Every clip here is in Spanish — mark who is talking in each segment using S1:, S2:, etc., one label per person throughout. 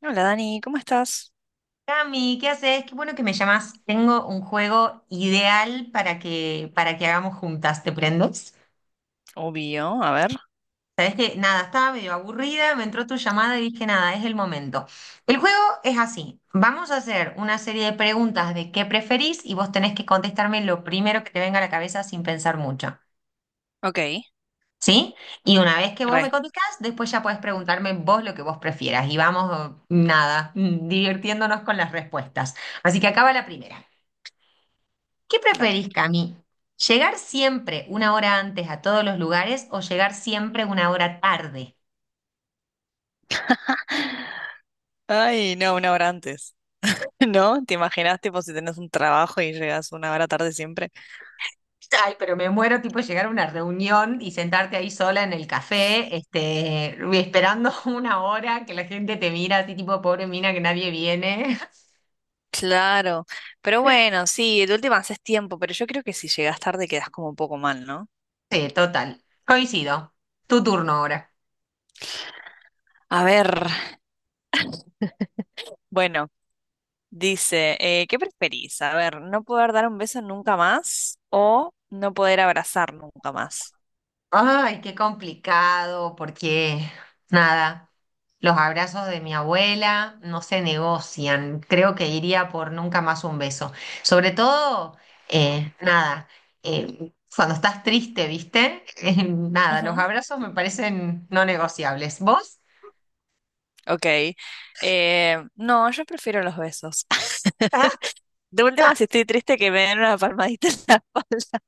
S1: Hola Dani, ¿cómo estás?
S2: Cami, ¿qué haces? Qué bueno que me llamas. Tengo un juego ideal para que hagamos juntas. ¿Te prendes?
S1: Obvio, a ver.
S2: Sabes que nada, estaba medio aburrida, me entró tu llamada y dije nada, es el momento. El juego es así. Vamos a hacer una serie de preguntas de qué preferís y vos tenés que contestarme lo primero que te venga a la cabeza sin pensar mucho.
S1: Ok,
S2: ¿Sí? Y una vez que vos me
S1: re,
S2: contestás, después ya podés preguntarme vos lo que vos prefieras. Y vamos, nada, divirtiéndonos con las respuestas. Así que acaba la primera. ¿Qué
S1: dale.
S2: preferís, Cami? ¿Llegar siempre una hora antes a todos los lugares o llegar siempre una hora tarde?
S1: Ay, no, una hora antes. ¿No? ¿Te imaginas, tipo, si tenés un trabajo y llegas una hora tarde siempre?
S2: Ay, pero me muero tipo llegar a una reunión y sentarte ahí sola en el café, este, esperando una hora que la gente te mira así tipo pobre mina que nadie viene.
S1: Claro, pero bueno, sí, de última haces tiempo, pero yo creo que si llegas tarde quedas como un poco mal, ¿no?
S2: Sí, total. Coincido. Tu turno ahora.
S1: A ver, bueno, dice, ¿qué preferís? A ver, ¿no poder dar un beso nunca más o no poder abrazar nunca más?
S2: Ay, qué complicado, porque nada, los abrazos de mi abuela no se negocian. Creo que iría por nunca más un beso. Sobre todo, nada, cuando estás triste, ¿viste? Nada, los
S1: Ujú,
S2: abrazos me parecen no negociables. ¿Vos?
S1: ok, no, yo prefiero los besos. De última, si estoy triste, que me den una palmadita en la espalda.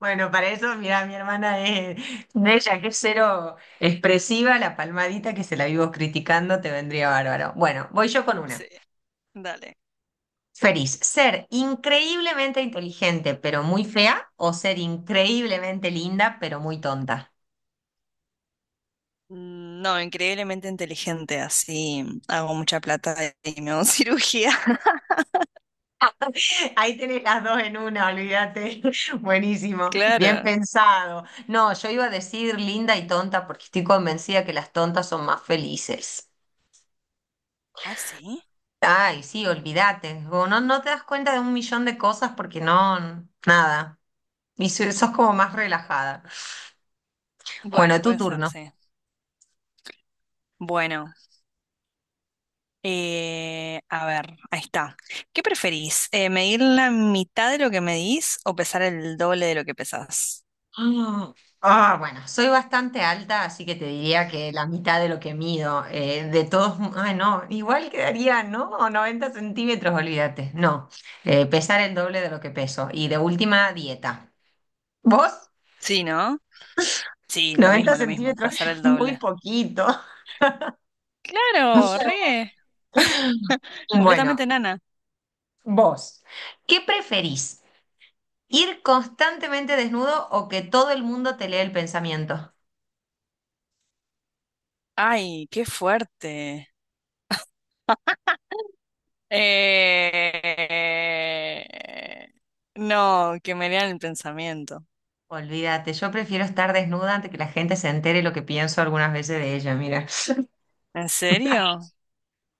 S2: Bueno, para eso, mira, mi hermana es de ella, que es cero expresiva, la palmadita que se la vivo criticando, te vendría bárbaro. Bueno, voy yo con
S1: Sí,
S2: una.
S1: dale.
S2: Feliz, ser increíblemente inteligente pero muy fea o ser increíblemente linda pero muy tonta.
S1: Mm, no, increíblemente inteligente, así hago mucha plata y me hago cirugía.
S2: Ahí tenés las dos en una, olvídate. Buenísimo, bien
S1: Claro.
S2: pensado. No, yo iba a decir linda y tonta porque estoy convencida que las tontas son más felices.
S1: ¿Ah, sí?
S2: Ay, sí, olvídate. Como no, no te das cuenta de un millón de cosas porque no, nada. Y sos como más relajada. Bueno,
S1: Bueno,
S2: tu
S1: puede ser,
S2: turno.
S1: sí. Bueno, a ver, ahí está. ¿Qué preferís? ¿Medir la mitad de lo que medís o pesar el doble de lo que pesás?
S2: Ah, ah, bueno, soy bastante alta, así que te diría que la mitad de lo que mido. De todos, ah, no, igual quedaría, ¿no? O 90 centímetros, olvídate. No, pesar el doble de lo que peso. Y de última, dieta. ¿Vos?
S1: Sí, ¿no? Sí,
S2: 90
S1: lo mismo,
S2: centímetros,
S1: pesar el
S2: muy
S1: doble.
S2: poquito. O
S1: Claro,
S2: sea,
S1: re,
S2: bueno,
S1: completamente nana.
S2: vos, ¿qué preferís? ¿Ir constantemente desnudo o que todo el mundo te lea el pensamiento?
S1: Ay, qué fuerte. Eh, No, que me lean el pensamiento.
S2: Olvídate, yo prefiero estar desnuda antes que la gente se entere lo que pienso algunas veces de ella, mira.
S1: ¿En serio?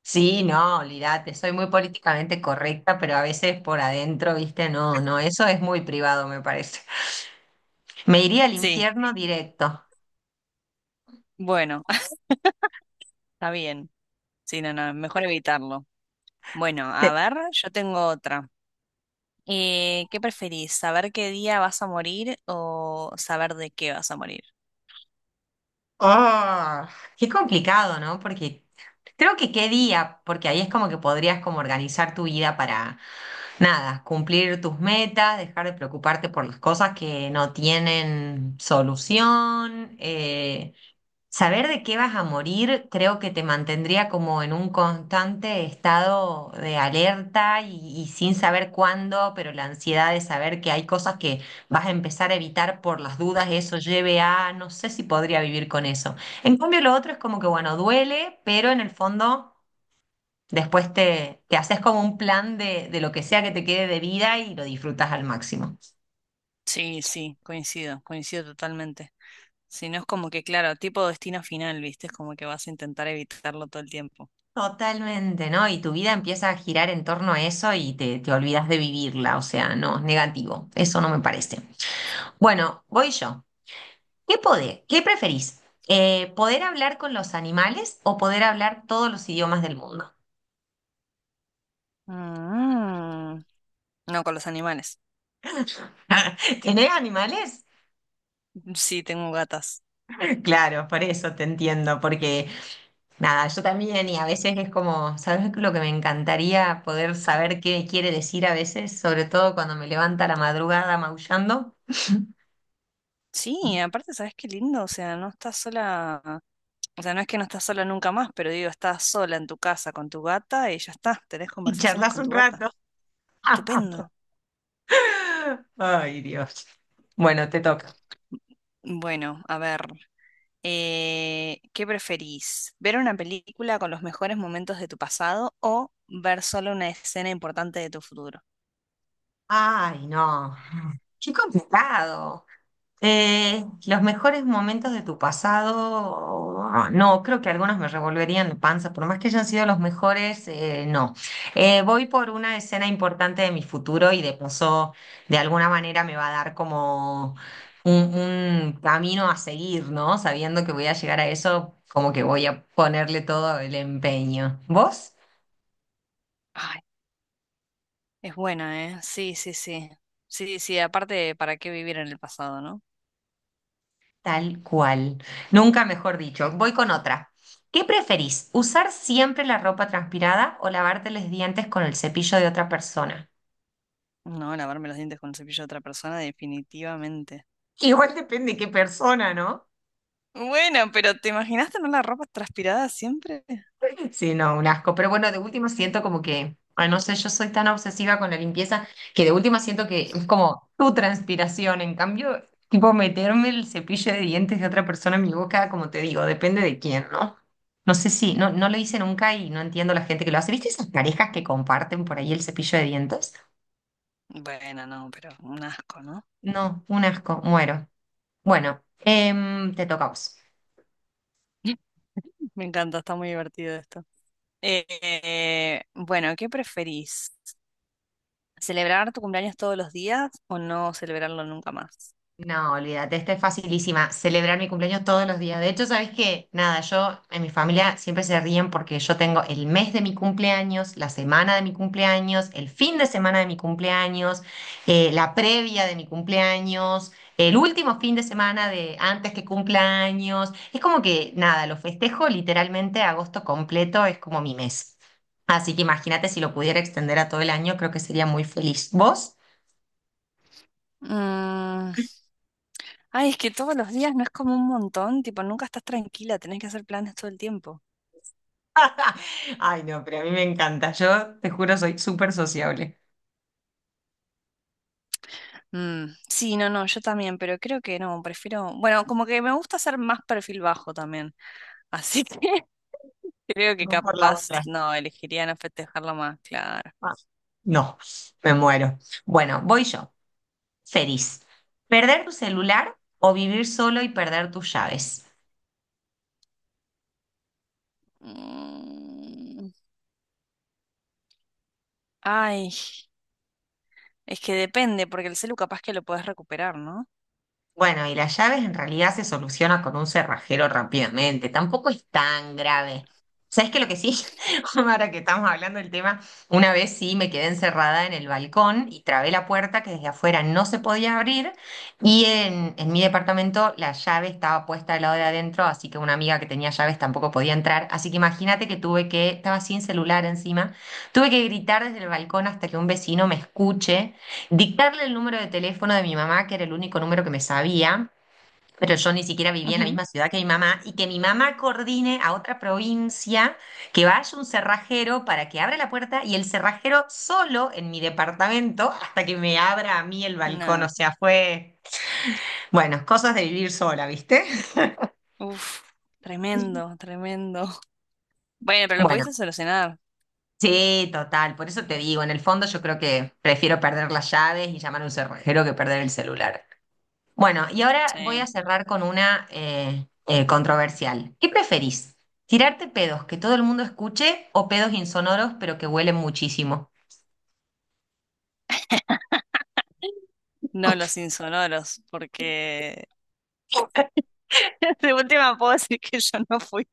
S2: Sí, no, olvídate, soy muy políticamente correcta, pero a veces por adentro, viste, no, no, eso es muy privado, me parece. Me iría al
S1: Sí,
S2: infierno directo.
S1: bueno, está bien. Sí, no, no, mejor evitarlo. Bueno, a ver, yo tengo otra. ¿Qué preferís? ¿Saber qué día vas a morir o saber de qué vas a morir?
S2: Ah, qué complicado, ¿no? Porque creo que qué día, porque ahí es como que podrías como organizar tu vida para, nada, cumplir tus metas, dejar de preocuparte por las cosas que no tienen solución, saber de qué vas a morir creo que te mantendría como en un constante estado de alerta y sin saber cuándo, pero la ansiedad de saber que hay cosas que vas a empezar a evitar por las dudas, eso lleve a, no sé si podría vivir con eso. En cambio, lo otro es como que, bueno, duele, pero en el fondo después te haces como un plan de lo que sea que te quede de vida y lo disfrutas al máximo.
S1: Sí, sí, coincido, coincido totalmente. Si no es como que, claro, tipo destino final, ¿viste? Es como que vas a intentar evitarlo todo el tiempo.
S2: Totalmente, ¿no? Y tu vida empieza a girar en torno a eso y te olvidas de vivirla, o sea, no, negativo, eso no me parece. Bueno, voy yo. ¿Qué poder? ¿Qué preferís? ¿Poder hablar con los animales o poder hablar todos los idiomas del mundo?
S1: Mm, no, con los animales.
S2: ¿Tenés animales?
S1: Sí, tengo gatas.
S2: Claro, por eso te entiendo, porque nada, yo también y a veces es como, ¿sabes lo que me encantaría poder saber qué quiere decir a veces? Sobre todo cuando me levanta a la madrugada maullando
S1: Sí, aparte, ¿sabes qué lindo? O sea, no estás sola, o sea, no es que no estás sola nunca más, pero digo, estás sola en tu casa con tu gata y ya está, tenés
S2: y
S1: conversaciones
S2: charlas
S1: con
S2: un
S1: tu gata.
S2: rato.
S1: Estupendo.
S2: Ay, Dios. Bueno, te toca.
S1: Bueno, a ver, ¿qué preferís? ¿Ver una película con los mejores momentos de tu pasado o ver solo una escena importante de tu futuro?
S2: Ay, no. Qué complicado. Los mejores momentos de tu pasado, ah, no, creo que algunos me revolverían la panza, por más que hayan sido los mejores, no. Voy por una escena importante de mi futuro y de paso, de alguna manera me va a dar como un camino a seguir, ¿no? Sabiendo que voy a llegar a eso, como que voy a ponerle todo el empeño. ¿Vos?
S1: Ay, es buena, ¿eh? Sí, sí, sí. Sí, sí, aparte, ¿para qué vivir en el pasado, no?
S2: Tal cual. Nunca mejor dicho. Voy con otra. ¿Qué preferís? ¿Usar siempre la ropa transpirada o lavarte los dientes con el cepillo de otra persona?
S1: No, lavarme los dientes con el cepillo de otra persona, definitivamente.
S2: Igual depende qué persona, ¿no?
S1: Bueno, pero ¿te imaginas tener la ropa transpirada siempre?
S2: Sí, no, un asco. Pero bueno, de última siento como que, ay, no sé, yo soy tan obsesiva con la limpieza que de última siento que es como tu transpiración. En cambio, tipo meterme el cepillo de dientes de otra persona en mi boca, como te digo, depende de quién, ¿no? No sé si, no, no lo hice nunca y no entiendo la gente que lo hace. ¿Viste esas parejas que comparten por ahí el cepillo de dientes?
S1: Bueno, no, pero un asco, ¿no?
S2: No, un asco, muero. Bueno, te toca a vos.
S1: Me encanta, está muy divertido esto. Eh, bueno, ¿qué preferís? ¿Celebrar tu cumpleaños todos los días o no celebrarlo nunca más?
S2: No, olvídate, esta es facilísima. Celebrar mi cumpleaños todos los días. De hecho, ¿sabes qué? Nada, yo en mi familia siempre se ríen porque yo tengo el mes de mi cumpleaños, la semana de mi cumpleaños, el fin de semana de mi cumpleaños, la previa de mi cumpleaños, el último fin de semana de antes que cumpleaños. Es como que, nada, lo festejo literalmente agosto completo, es como mi mes. Así que imagínate si lo pudiera extender a todo el año, creo que sería muy feliz. ¿Vos?
S1: Mm, ay, es que todos los días no es como un montón, tipo, nunca estás tranquila, tenés que hacer planes todo el tiempo.
S2: Ay, no, pero a mí me encanta. Yo te juro, soy súper sociable.
S1: Mm, sí, no, no, yo también, pero creo que no, prefiero, bueno, como que me gusta hacer más perfil bajo también, así que creo que
S2: Vos por la
S1: capaz,
S2: otra.
S1: no, elegiría no festejarlo más, claro.
S2: Ah, no, me muero. Bueno, voy yo. Feliz. ¿Perder tu celular o vivir solo y perder tus llaves?
S1: Mm, ay, es que depende, porque el celu capaz que lo puedes recuperar, ¿no?
S2: Bueno, y las llaves en realidad se soluciona con un cerrajero rápidamente, tampoco es tan grave. ¿Sabes qué? Lo que sí, ahora que estamos hablando del tema, una vez sí me quedé encerrada en el balcón y trabé la puerta que desde afuera no se podía abrir y en mi departamento la llave estaba puesta al lado de adentro, así que una amiga que tenía llaves tampoco podía entrar, así que imagínate que tuve que, estaba sin celular encima, tuve que gritar desde el balcón hasta que un vecino me escuche dictarle el número de teléfono de mi mamá, que era el único número que me sabía, pero yo ni siquiera vivía en la
S1: Ujú.
S2: misma ciudad que mi mamá, y que mi mamá coordine a otra provincia, que vaya un cerrajero para que abra la puerta y el cerrajero solo en mi departamento hasta que me abra a mí el balcón.
S1: No,
S2: O sea, fue, bueno, cosas de vivir sola, ¿viste?
S1: uf, tremendo, tremendo. Bueno, pero lo
S2: Bueno.
S1: pudiste solucionar,
S2: Sí, total, por eso te digo, en el fondo yo creo que prefiero perder las llaves y llamar a un cerrajero que perder el celular. Bueno, y ahora voy
S1: sí,
S2: a cerrar con una controversial. ¿Qué preferís? ¿Tirarte pedos que todo el mundo escuche o pedos insonoros pero que huelen muchísimo?
S1: no los insonoros, porque de última puedo decir que yo no fui.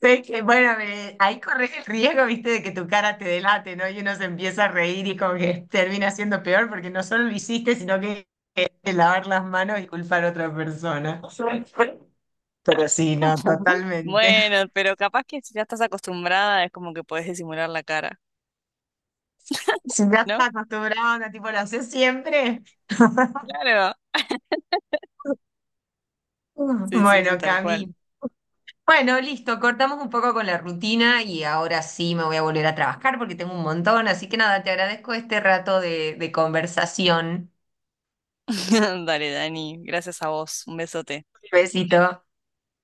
S2: Sé que, bueno, ahí corres el riesgo, viste, de que tu cara te delate, ¿no? Y uno se empieza a reír y como que termina siendo peor porque no solo lo hiciste, sino que lavar las manos y culpar a otra persona. Pero sí, no, totalmente.
S1: Bueno, pero capaz que si ya estás acostumbrada es como que podés disimular la cara,
S2: Si ya
S1: ¿no?
S2: estás acostumbrado, onda, tipo, lo haces siempre.
S1: Claro. Sí, sí, sí,
S2: Bueno,
S1: tal cual.
S2: Cami, bueno, listo, cortamos un poco con la rutina y ahora sí me voy a volver a trabajar porque tengo un montón, así que nada, te agradezco este rato de conversación.
S1: Dale, Dani, gracias a vos. Un besote.
S2: Un besito.